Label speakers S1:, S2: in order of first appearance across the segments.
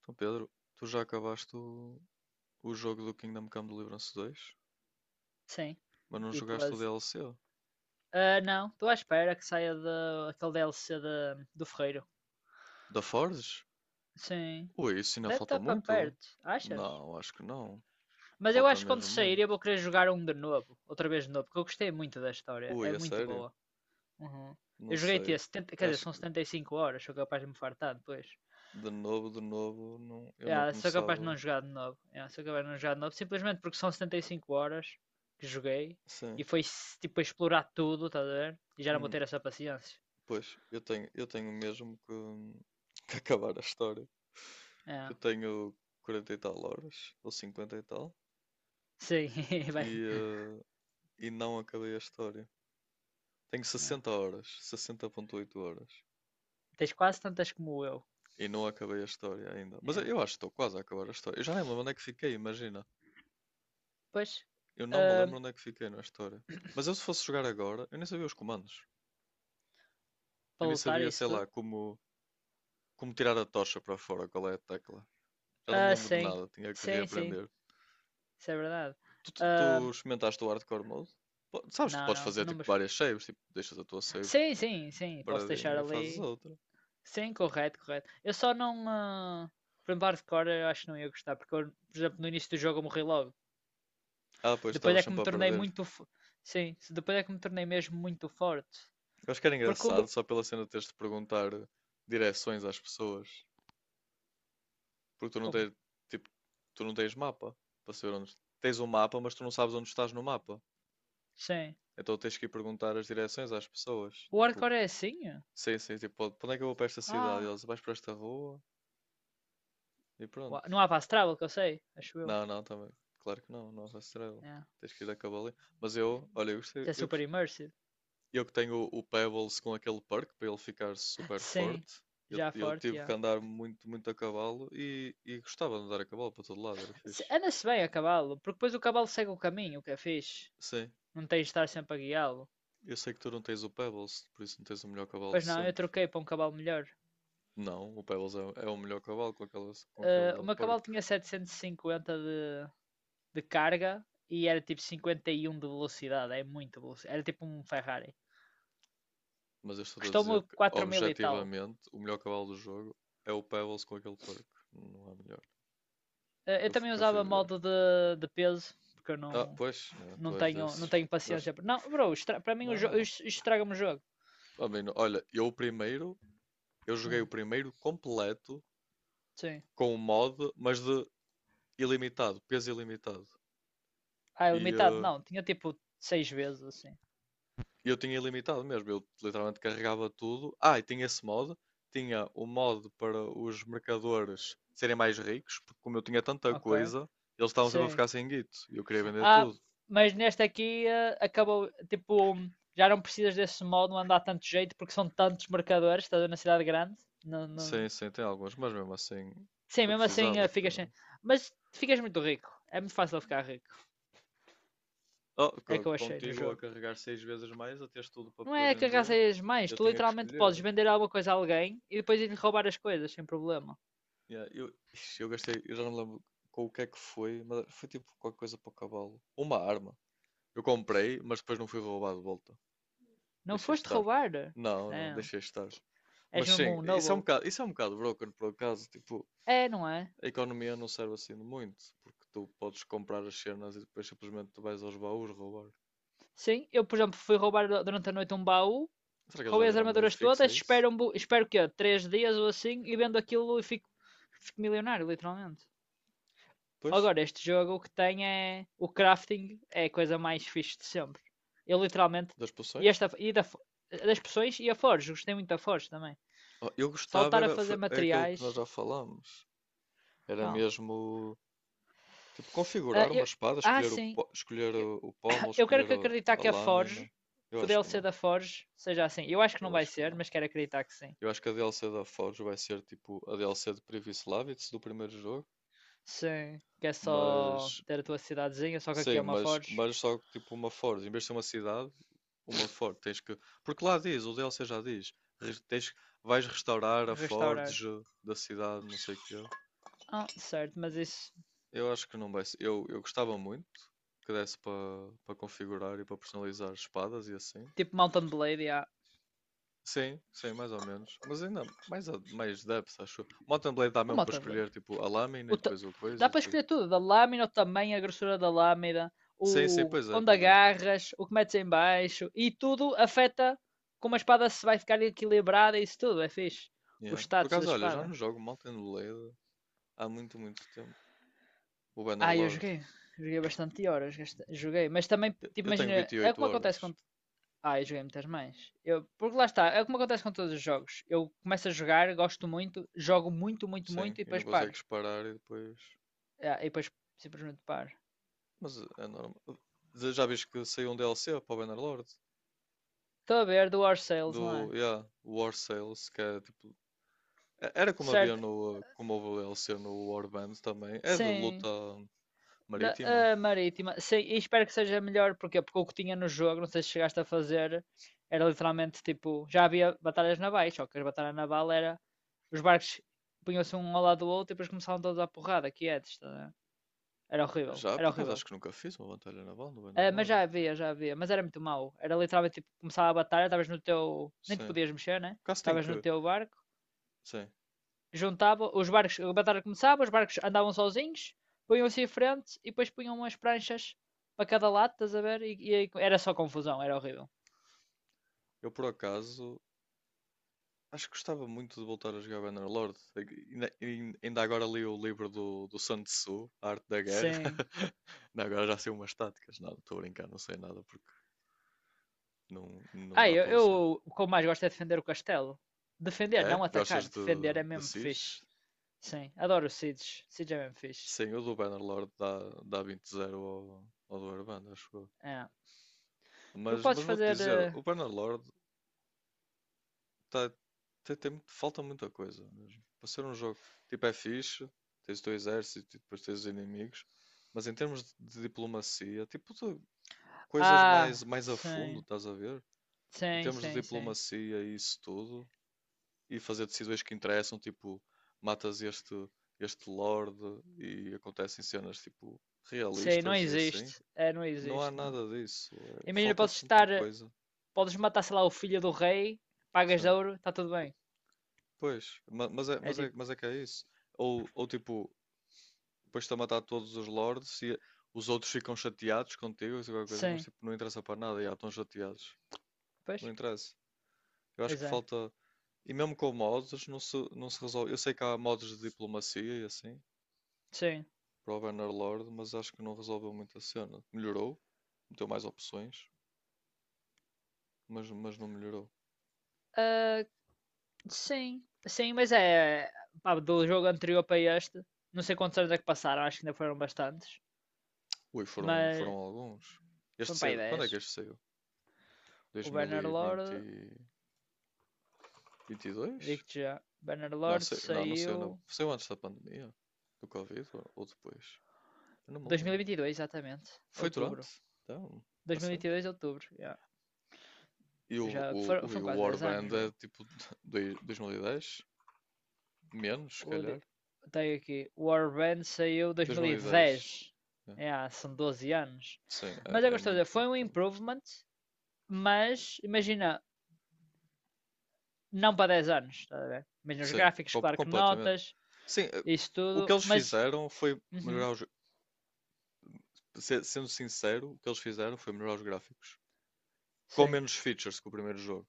S1: Então, Pedro, tu já acabaste o jogo do Kingdom Come Deliverance 2,
S2: Sim.
S1: mas não
S2: E tu
S1: jogaste o
S2: as.
S1: DLC?
S2: Ah, não, estou à espera que saia aquele DLC do Ferreiro.
S1: Da Forge?
S2: Sim.
S1: Ui, isso ainda
S2: Deve
S1: falta
S2: estar para
S1: muito?
S2: perto, achas?
S1: Não, acho que não.
S2: Mas eu
S1: Falta
S2: acho que quando
S1: mesmo
S2: sair
S1: muito.
S2: eu vou querer jogar um de novo, outra vez de novo, porque eu gostei muito da história,
S1: Ui,
S2: é
S1: a
S2: muito
S1: sério?
S2: boa. Uhum. Eu
S1: Não
S2: joguei até
S1: sei.
S2: 70, quer dizer,
S1: Acho
S2: são
S1: que
S2: 75 horas, sou capaz de me fartar depois.
S1: de novo, não, eu não
S2: Yeah, sou capaz de
S1: começava.
S2: não jogar de novo. Yeah, sou capaz de não jogar de novo, simplesmente porque são 75 horas que joguei e
S1: Sim.
S2: foi tipo a explorar tudo, estás a ver? E já não vou
S1: Hum,
S2: ter essa paciência.
S1: pois, eu tenho mesmo que, que acabar a história. Que
S2: É.
S1: eu tenho 40 e tal horas, ou 50 e tal,
S2: Sim, vai.
S1: e, e não acabei a história. Tenho
S2: É.
S1: 60 horas, 60,8 horas.
S2: Tens quase tantas como eu.
S1: E não acabei a história ainda. Mas eu
S2: É.
S1: eu acho que estou quase a acabar a história. Eu já nem me lembro onde é que fiquei, imagina.
S2: Pois,
S1: Eu não me lembro
S2: ahm,
S1: onde é que fiquei na história. Mas eu se fosse jogar agora, eu nem sabia os comandos. Eu
S2: para
S1: nem
S2: lutar
S1: sabia,
S2: isso
S1: sei lá,
S2: tudo?
S1: como tirar a tocha para fora, qual é a tecla. Já não me
S2: Ah,
S1: lembro de
S2: sim.
S1: nada, tinha que
S2: Sim, sim,
S1: reaprender.
S2: isso é verdade.
S1: Tu
S2: Ahm,
S1: experimentaste o hardcore mode? Sabes, tu
S2: não,
S1: podes
S2: não,
S1: fazer tipo
S2: números.
S1: várias saves, tipo, deixas a tua save
S2: Sim, sim, sim, posso deixar
S1: paradinha e fazes
S2: ali.
S1: outra.
S2: Sim, correto, correto. Eu só não. Por exemplo, hardcore eu acho que não ia gostar, porque eu, por exemplo, no início do jogo eu morri logo.
S1: Ah, pois
S2: Depois
S1: estavas
S2: é que me
S1: sempre a
S2: tornei
S1: perder.
S2: muito. Sim, depois é que me tornei mesmo muito forte.
S1: Eu acho que era
S2: Porque o.
S1: engraçado só pela cena de teres de perguntar direções às pessoas. Porque
S2: Como?
S1: tipo, tu não tens mapa para saber onde. Tens um mapa, mas tu não sabes onde estás no mapa.
S2: Sim.
S1: Então tens que ir perguntar as direções às pessoas.
S2: O
S1: Tipo,
S2: hardcore é assim?
S1: sim, sim, tipo, "Pode- "Para onde é que eu vou para esta cidade? E
S2: Ah.
S1: eles, vais para esta rua e pronto.
S2: Não há fast travel que eu sei, acho eu.
S1: Não, não, também. Claro que não, não é Estrela.
S2: Yeah.
S1: Tens que ir a cavalo. Mas eu, olha, eu gostei,
S2: Que é
S1: eu
S2: super
S1: gostei.
S2: immersive.
S1: Eu que tenho o Pebbles com aquele perk para ele ficar super
S2: Sim,
S1: forte. Eu,
S2: já é
S1: eu
S2: forte,
S1: tive que
S2: já.
S1: andar muito, muito a cavalo e gostava de andar a cavalo para todo lado, era fixe.
S2: Anda-se bem a cavalo, porque depois o cavalo segue o caminho, o que é fixe.
S1: Sim,
S2: Não tens de estar sempre a guiá-lo.
S1: eu sei que tu não tens o Pebbles, por isso não tens o melhor cavalo de
S2: Pois não, eu
S1: sempre.
S2: troquei para um cavalo melhor.
S1: Não, o Pebbles é, é o melhor cavalo com aquela, com
S2: Ah, o
S1: aquele
S2: meu
S1: perk.
S2: cavalo tinha 750 de carga e era tipo 51 de velocidade, é muito velocidade. Era tipo um Ferrari.
S1: Mas eu estou a dizer
S2: Custou-me
S1: que,
S2: 4 mil e tal.
S1: objetivamente, o melhor cavalo do jogo é o Pebbles com aquele perk. Não há melhor.
S2: Ah, eu também
S1: Que eu fui
S2: usava
S1: ver.
S2: modo de peso, porque eu
S1: Ah,
S2: não,
S1: pois, é,
S2: não
S1: tu és
S2: tenho, não
S1: desses.
S2: tenho paciência.
S1: Gosto.
S2: Não, bro, para mim o
S1: Não,
S2: jogo
S1: não.
S2: estraga-me o jogo.
S1: A mim não. Olha, eu joguei o
S2: Hum,
S1: primeiro completo
S2: sim.
S1: com o mod, mas de ilimitado, peso ilimitado.
S2: Ah, é
S1: E
S2: limitado? Não, tinha tipo seis vezes assim.
S1: eu tinha ilimitado mesmo, eu literalmente carregava tudo. Ah, e tinha esse mod, tinha o mod para os mercadores serem mais ricos, porque como eu tinha tanta
S2: Ok.
S1: coisa, eles estavam sempre a
S2: Sim.
S1: ficar sem guito e eu queria vender
S2: Ah,
S1: tudo.
S2: mas neste aqui acabou, tipo, já não precisas desse modo, não andar tanto jeito, porque são tantos marcadores, estás a na cidade grande. Não, não.
S1: Sim, sim, tem alguns, mas mesmo assim
S2: Sim,
S1: eu
S2: mesmo assim
S1: precisava que.
S2: ficas sem. Mas ficas muito rico. É muito fácil ficar rico.
S1: Oh,
S2: É que eu achei no
S1: contigo a
S2: jogo.
S1: carregar 6 vezes mais, a teres tudo para
S2: Não
S1: poder
S2: é que
S1: vender,
S2: arrasas mais,
S1: eu
S2: tu
S1: tinha que
S2: literalmente podes
S1: escolher.
S2: vender alguma coisa a alguém e depois ir-lhe roubar as coisas sem problema.
S1: Yeah, eu, ixi, eu gastei, eu já não lembro com o que é que foi, mas foi tipo qualquer coisa para o cavalo. Uma arma. Eu comprei, mas depois não fui roubado de volta.
S2: Não
S1: Deixei
S2: foste
S1: estar.
S2: roubar?
S1: Não, não,
S2: Não.
S1: deixei estar. Mas
S2: És mesmo
S1: sim,
S2: um
S1: isso é
S2: noble.
S1: um bocado, isso é um bocado broken por acaso. Tipo,
S2: É, não é?
S1: a economia não serve assim de muito, porque tu podes comprar as cenas e depois simplesmente tu vais aos baús roubar.
S2: Sim, eu, por exemplo, fui roubar durante a noite um baú,
S1: Será que eles já
S2: roubei as
S1: deram meio
S2: armaduras
S1: fixo a
S2: todas,
S1: isso?
S2: espero, espero que é 3 dias ou assim e vendo aquilo e fico milionário, literalmente.
S1: Depois,
S2: Agora, este jogo o que tem é. O crafting é a coisa mais fixe de sempre. Eu literalmente.
S1: das
S2: E
S1: poções?
S2: esta. Das pessoas e a Forge, gostei muito da Forge também.
S1: Oh, eu gostava,
S2: Saltar a
S1: era,
S2: fazer
S1: foi, é aquele que nós
S2: materiais.
S1: já falámos. Era
S2: Qual?
S1: mesmo tipo,
S2: Ah,
S1: configurar uma espada, escolher o,
S2: sim.
S1: po- escolher o pommel,
S2: Eu quero
S1: escolher
S2: que acreditar
S1: a
S2: que a Forge,
S1: lâmina. Eu
S2: que o
S1: acho que
S2: DLC
S1: não.
S2: da Forge seja assim. Eu acho que não
S1: Eu
S2: vai
S1: acho que
S2: ser,
S1: não.
S2: mas quero acreditar que sim.
S1: Eu acho que a DLC da Forge vai ser tipo a DLC de Privislavits do primeiro jogo.
S2: Sim, que é só
S1: Mas,
S2: ter a tua cidadezinha, só que aqui é
S1: sim,
S2: uma Forge.
S1: mas só que tipo uma Forge. Em vez de ser uma cidade, uma Forge. Tens que. Porque lá diz, o DLC já diz. Tens, vais restaurar a
S2: Restaurar.
S1: Forge da cidade, não sei o quê.
S2: Ah, certo, mas isso.
S1: Eu acho que não vai ser. Eu gostava muito que desse para configurar e para personalizar espadas e assim.
S2: Tipo Mountain Blade, yeah.
S1: Sim, sim, mais ou menos. Mas ainda mais, mais depth, acho eu. Mountain Blade dá
S2: O
S1: mesmo para
S2: Mountain Blade.
S1: escolher tipo a lâmina e
S2: O ta-
S1: depois o coisa
S2: Dá
S1: e
S2: para
S1: depois.
S2: escolher tudo: da lâmina, o tamanho, a grossura da lâmina,
S1: Sim, sim,
S2: o
S1: pois é,
S2: onde
S1: pois é.
S2: agarras, o que metes em baixo, e tudo afeta como a espada se vai ficar equilibrada e isso tudo. É fixe. Os
S1: Yeah. Por
S2: status da
S1: acaso, olha, já
S2: espada.
S1: não jogo Mountain Blade há muito, muito tempo. O
S2: Ah, eu
S1: Bannerlord.
S2: joguei. Joguei bastante horas. Joguei. Mas também,
S1: Eu,
S2: tipo,
S1: eu tenho
S2: imagina,
S1: vinte e
S2: é
S1: oito
S2: como
S1: horas.
S2: acontece com. Ah, eu joguei muitas mais. Eu, porque lá está, é como acontece com todos os jogos. Eu começo a jogar, gosto muito, jogo muito, muito,
S1: Sim,
S2: muito e
S1: e não
S2: depois paro.
S1: consegues parar e depois.
S2: Ah, e depois simplesmente paro.
S1: Mas é normal. Já viste que saiu um DLC para o Bannerlord?
S2: Estou a ver do War Sales, não é?
S1: Do, yeah, War Sales, que é tipo. Era como havia
S2: Certo?
S1: no como houve o DLC no Warband também. É de
S2: Sim.
S1: luta
S2: Da,
S1: marítima.
S2: a Marítima. Sim, e espero que seja melhor. Porquê? Porque o que tinha no jogo, não sei se chegaste a fazer, era literalmente tipo. Já havia batalhas navais, só que as batalhas naval era. Os barcos punham-se um ao lado do outro e depois começavam todos à porrada, que é disto, né? Era horrível,
S1: Já,
S2: era
S1: por acaso
S2: horrível.
S1: acho que nunca fiz uma batalha naval no
S2: Ah, mas
S1: Bannerlord.
S2: já havia, mas era muito mau. Era literalmente tipo, começava a batalha, estavas no teu. Nem te
S1: Sim.
S2: podias mexer, né?
S1: Por acaso tenho
S2: Estavas no
S1: que.
S2: teu barco,
S1: Sim.
S2: juntava, os barcos, a batalha começava, os barcos andavam sozinhos, punham-se em frente e depois punham umas pranchas para cada lado, estás a ver? E era só confusão, era horrível.
S1: Eu por acaso acho que gostava muito de voltar a jogar Bannerlord. Ainda agora li o livro do, do Sun Tzu, A Arte da Guerra.
S2: Sim.
S1: Não, agora já sei umas táticas. Não, estou a brincar, não sei nada porque não
S2: Ah,
S1: dá
S2: eu,
S1: para usar.
S2: eu o que eu mais gosto é defender o castelo. Defender,
S1: É?
S2: não
S1: Gostas
S2: atacar, defender é
S1: de
S2: mesmo fixe.
S1: Siege?
S2: Sim, adoro o Seeds. Seeds é mesmo fixe.
S1: Sim, o do Bannerlord dá, dá 20-0 ao, ao do Warband, acho eu.
S2: É. Porque podes
S1: Mas vou-te
S2: fazer.
S1: dizer, o Bannerlord. Tá, tem muito. Falta muita coisa mesmo. Para ser um jogo, tipo, é fixe, tens o teu exército e depois tens os inimigos, mas em termos de diplomacia, tipo, de coisas
S2: Ah,
S1: mais, mais a fundo,
S2: sim.
S1: estás a ver? Em
S2: Sim,
S1: termos de
S2: sim, sim.
S1: diplomacia e isso tudo, e fazer decisões que interessam, tipo, matas este, este lord e acontecem cenas, tipo,
S2: Sim, não
S1: realistas e assim,
S2: existe. É, não
S1: não há
S2: existe, não.
S1: nada disso.
S2: Imagina,
S1: Falta
S2: podes
S1: tanta
S2: estar.
S1: coisa.
S2: Podes matar, sei lá, o filho do rei, pagas de
S1: Sim.
S2: ouro, está tudo bem.
S1: Pois,
S2: É tipo,
S1: mas é que é isso. Ou tipo, depois-te a matar todos os lords e os outros ficam chateados contigo, isso é qualquer coisa, mas
S2: sim.
S1: tipo, não interessa para nada, já estão chateados.
S2: Pois?
S1: Não interessa. Eu acho
S2: Pois
S1: que
S2: é.
S1: falta. E mesmo com mods, não se resolve. Eu sei que há mods de diplomacia e assim,
S2: Sim.
S1: para o Bannerlord, mas acho que não resolveu muito a cena. Melhorou, meteu mais opções, mas não melhorou.
S2: Ah, sim. Sim, mas é. Pá, do jogo anterior para este, não sei quantos anos é que passaram, acho que ainda foram bastantes.
S1: Ui, foram, foram
S2: Mas
S1: alguns. Este
S2: foram para aí
S1: saiu. Quando
S2: dez.
S1: é que este saiu?
S2: O Bannerlord.
S1: 2022?
S2: Digo-te já.
S1: Não,
S2: Bannerlord
S1: sei, não, não saiu. Na-
S2: saiu
S1: saiu antes da pandemia, do Covid ou depois? Eu não me lembro.
S2: 2022, exatamente.
S1: Foi
S2: Outubro.
S1: durante? Então, a sério?
S2: 2022, outubro. Yeah.
S1: E o,
S2: Já
S1: o,
S2: foram,
S1: o, e
S2: foram
S1: o
S2: quase 10 anos,
S1: Warband é
S2: bro.
S1: tipo 2010? Menos, se
S2: O, de-
S1: calhar.
S2: tenho aqui. Warband saiu 2010.
S1: 2010. É.
S2: Yeah, são 12 anos.
S1: Sim,
S2: Mas é
S1: é, é
S2: gostoso.
S1: muito,
S2: Foi
S1: muito
S2: um
S1: tempo.
S2: improvement, mas imagina, não para 10 anos. Estás a ver? Imagina os
S1: Sim,
S2: gráficos, claro que
S1: completamente.
S2: notas,
S1: Sim,
S2: isso
S1: o que
S2: tudo.
S1: eles
S2: Mas.
S1: fizeram foi
S2: Uhum,
S1: melhorar os. Sendo sincero, o que eles fizeram foi melhorar os gráficos. Com
S2: sim.
S1: menos features que o primeiro jogo,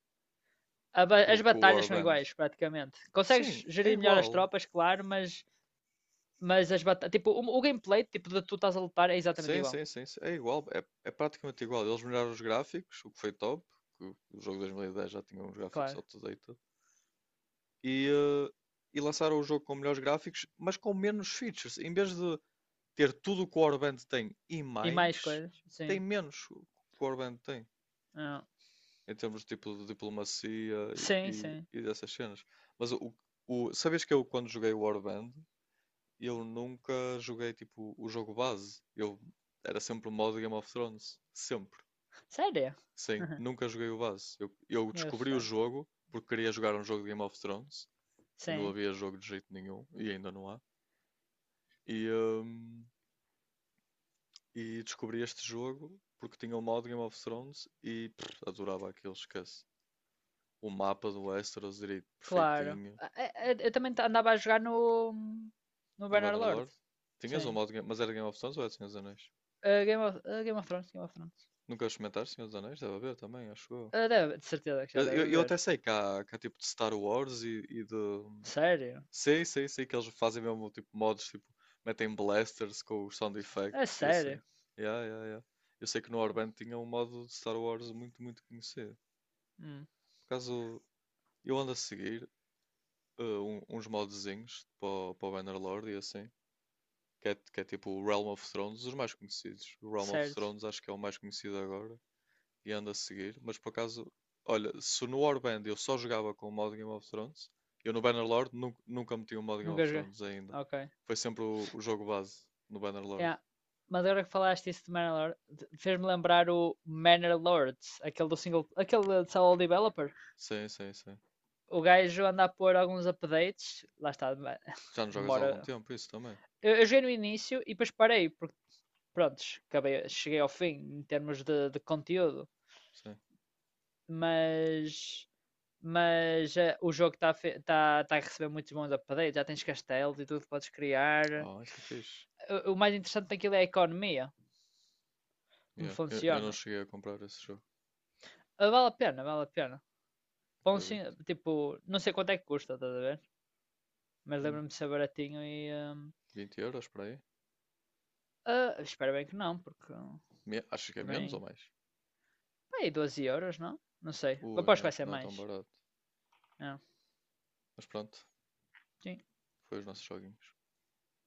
S2: As
S1: com o
S2: batalhas são
S1: Warband.
S2: iguais, praticamente.
S1: Sim,
S2: Consegues
S1: é
S2: gerir melhor as
S1: igual.
S2: tropas, claro, mas as batalhas, tipo, o gameplay, tipo, de tu estás a lutar é exatamente
S1: Sim,
S2: igual,
S1: sim, sim, sim. É igual, é, é praticamente igual. Eles melhoraram os gráficos, o que foi top, que o jogo de 2010 já tinha uns gráficos
S2: claro.
S1: outdated, e, e lançaram o jogo com melhores gráficos, mas com menos features. Em vez de ter tudo o que o Warband tem e
S2: E mais
S1: mais,
S2: coisas, sim.
S1: tem menos o que o Warband tem,
S2: Ah,
S1: em termos de tipo de diplomacia e,
S2: sim,
S1: e,
S2: sim.
S1: e dessas cenas. Mas sabes que eu, quando joguei o Warband, eu nunca joguei tipo o jogo base. Eu era sempre o modo Game of Thrones, sempre.
S2: Sério?
S1: Sim, nunca joguei o base. Eu
S2: Eu
S1: descobri o
S2: sei.
S1: jogo porque queria jogar um jogo de Game of Thrones e não
S2: Sim,
S1: havia jogo de jeito nenhum e ainda não há. E, hum, e descobri este jogo porque tinha o modo Game of Thrones e pff, adorava aquilo, esquece. O mapa do Westeros direito
S2: claro.
S1: perfeitinho
S2: Ah, eu, também andava a jogar no
S1: no
S2: Bannerlord.
S1: Bannerlord. Tinhas o
S2: Sim.
S1: modo, mas era Game of Thrones ou era Senhor dos Anéis?
S2: Ah, Game of Thrones, Game of Thrones.
S1: Nunca experimentaste Senhor dos Anéis? Deve haver também, acho eu.
S2: Ah, de certeza que já deve
S1: Eu até
S2: haver.
S1: sei que há tipo de Star Wars
S2: Sério?
S1: sei, sei, sei que eles fazem mesmo tipo mods, tipo, metem blasters com os sound
S2: É
S1: effects e assim.
S2: sério?
S1: Yeah, yeah, yeah. Eu sei que no Warband tinha um modo de Star Wars muito, muito conhecido.
S2: Hum,
S1: Por acaso, eu ando a seguir uns modzinhos para o Bannerlord e assim, que é tipo o Realm of Thrones, os mais conhecidos. O Realm of
S2: certo.
S1: Thrones acho que é o mais conhecido agora. E ando a seguir, mas por acaso, olha, se no Warband eu só jogava com o modo Game of Thrones, eu no Bannerlord nu nunca meti o modo Game
S2: Nunca
S1: of
S2: joguei.
S1: Thrones ainda.
S2: Ok.
S1: Foi sempre o jogo base no Bannerlord.
S2: Yeah. Mas agora que falaste isso de Manor Lord, fez-me lembrar o Manor Lords, aquele do single, aquele de solo developer.
S1: Sim, sim, sim.
S2: O gajo anda a pôr alguns updates, lá está,
S1: Já não jogas há
S2: demora.
S1: algum tempo, isso também.
S2: Eu joguei no início e depois parei, porque, pronto, acabei, cheguei ao fim em termos de conteúdo,
S1: Sim.
S2: mas, mas o jogo tá a receber muitos bons updates, já tens castelos e tudo que podes criar.
S1: Ah, isso é fixe.
S2: O mais interessante daquilo é a economia, como
S1: Yeah. Eu não
S2: funciona.
S1: cheguei a comprar esse jogo,
S2: Ah, vale a pena, vale a pena. Pão sin-
S1: acredito.
S2: tipo, não sei quanto é que custa, estás a ver? Mas
S1: Hum,
S2: lembro-me de ser baratinho e.
S1: 20€ para aí?
S2: Espero bem que não, porque
S1: Acho que é menos ou
S2: também.
S1: mais?
S2: Pá, aí 12 euros, não? Não sei.
S1: Ui,
S2: Aposto
S1: não
S2: que vai
S1: é,
S2: ser
S1: não é tão
S2: mais.
S1: barato.
S2: É,
S1: Mas pronto,
S2: sim.
S1: foi os nossos joguinhos.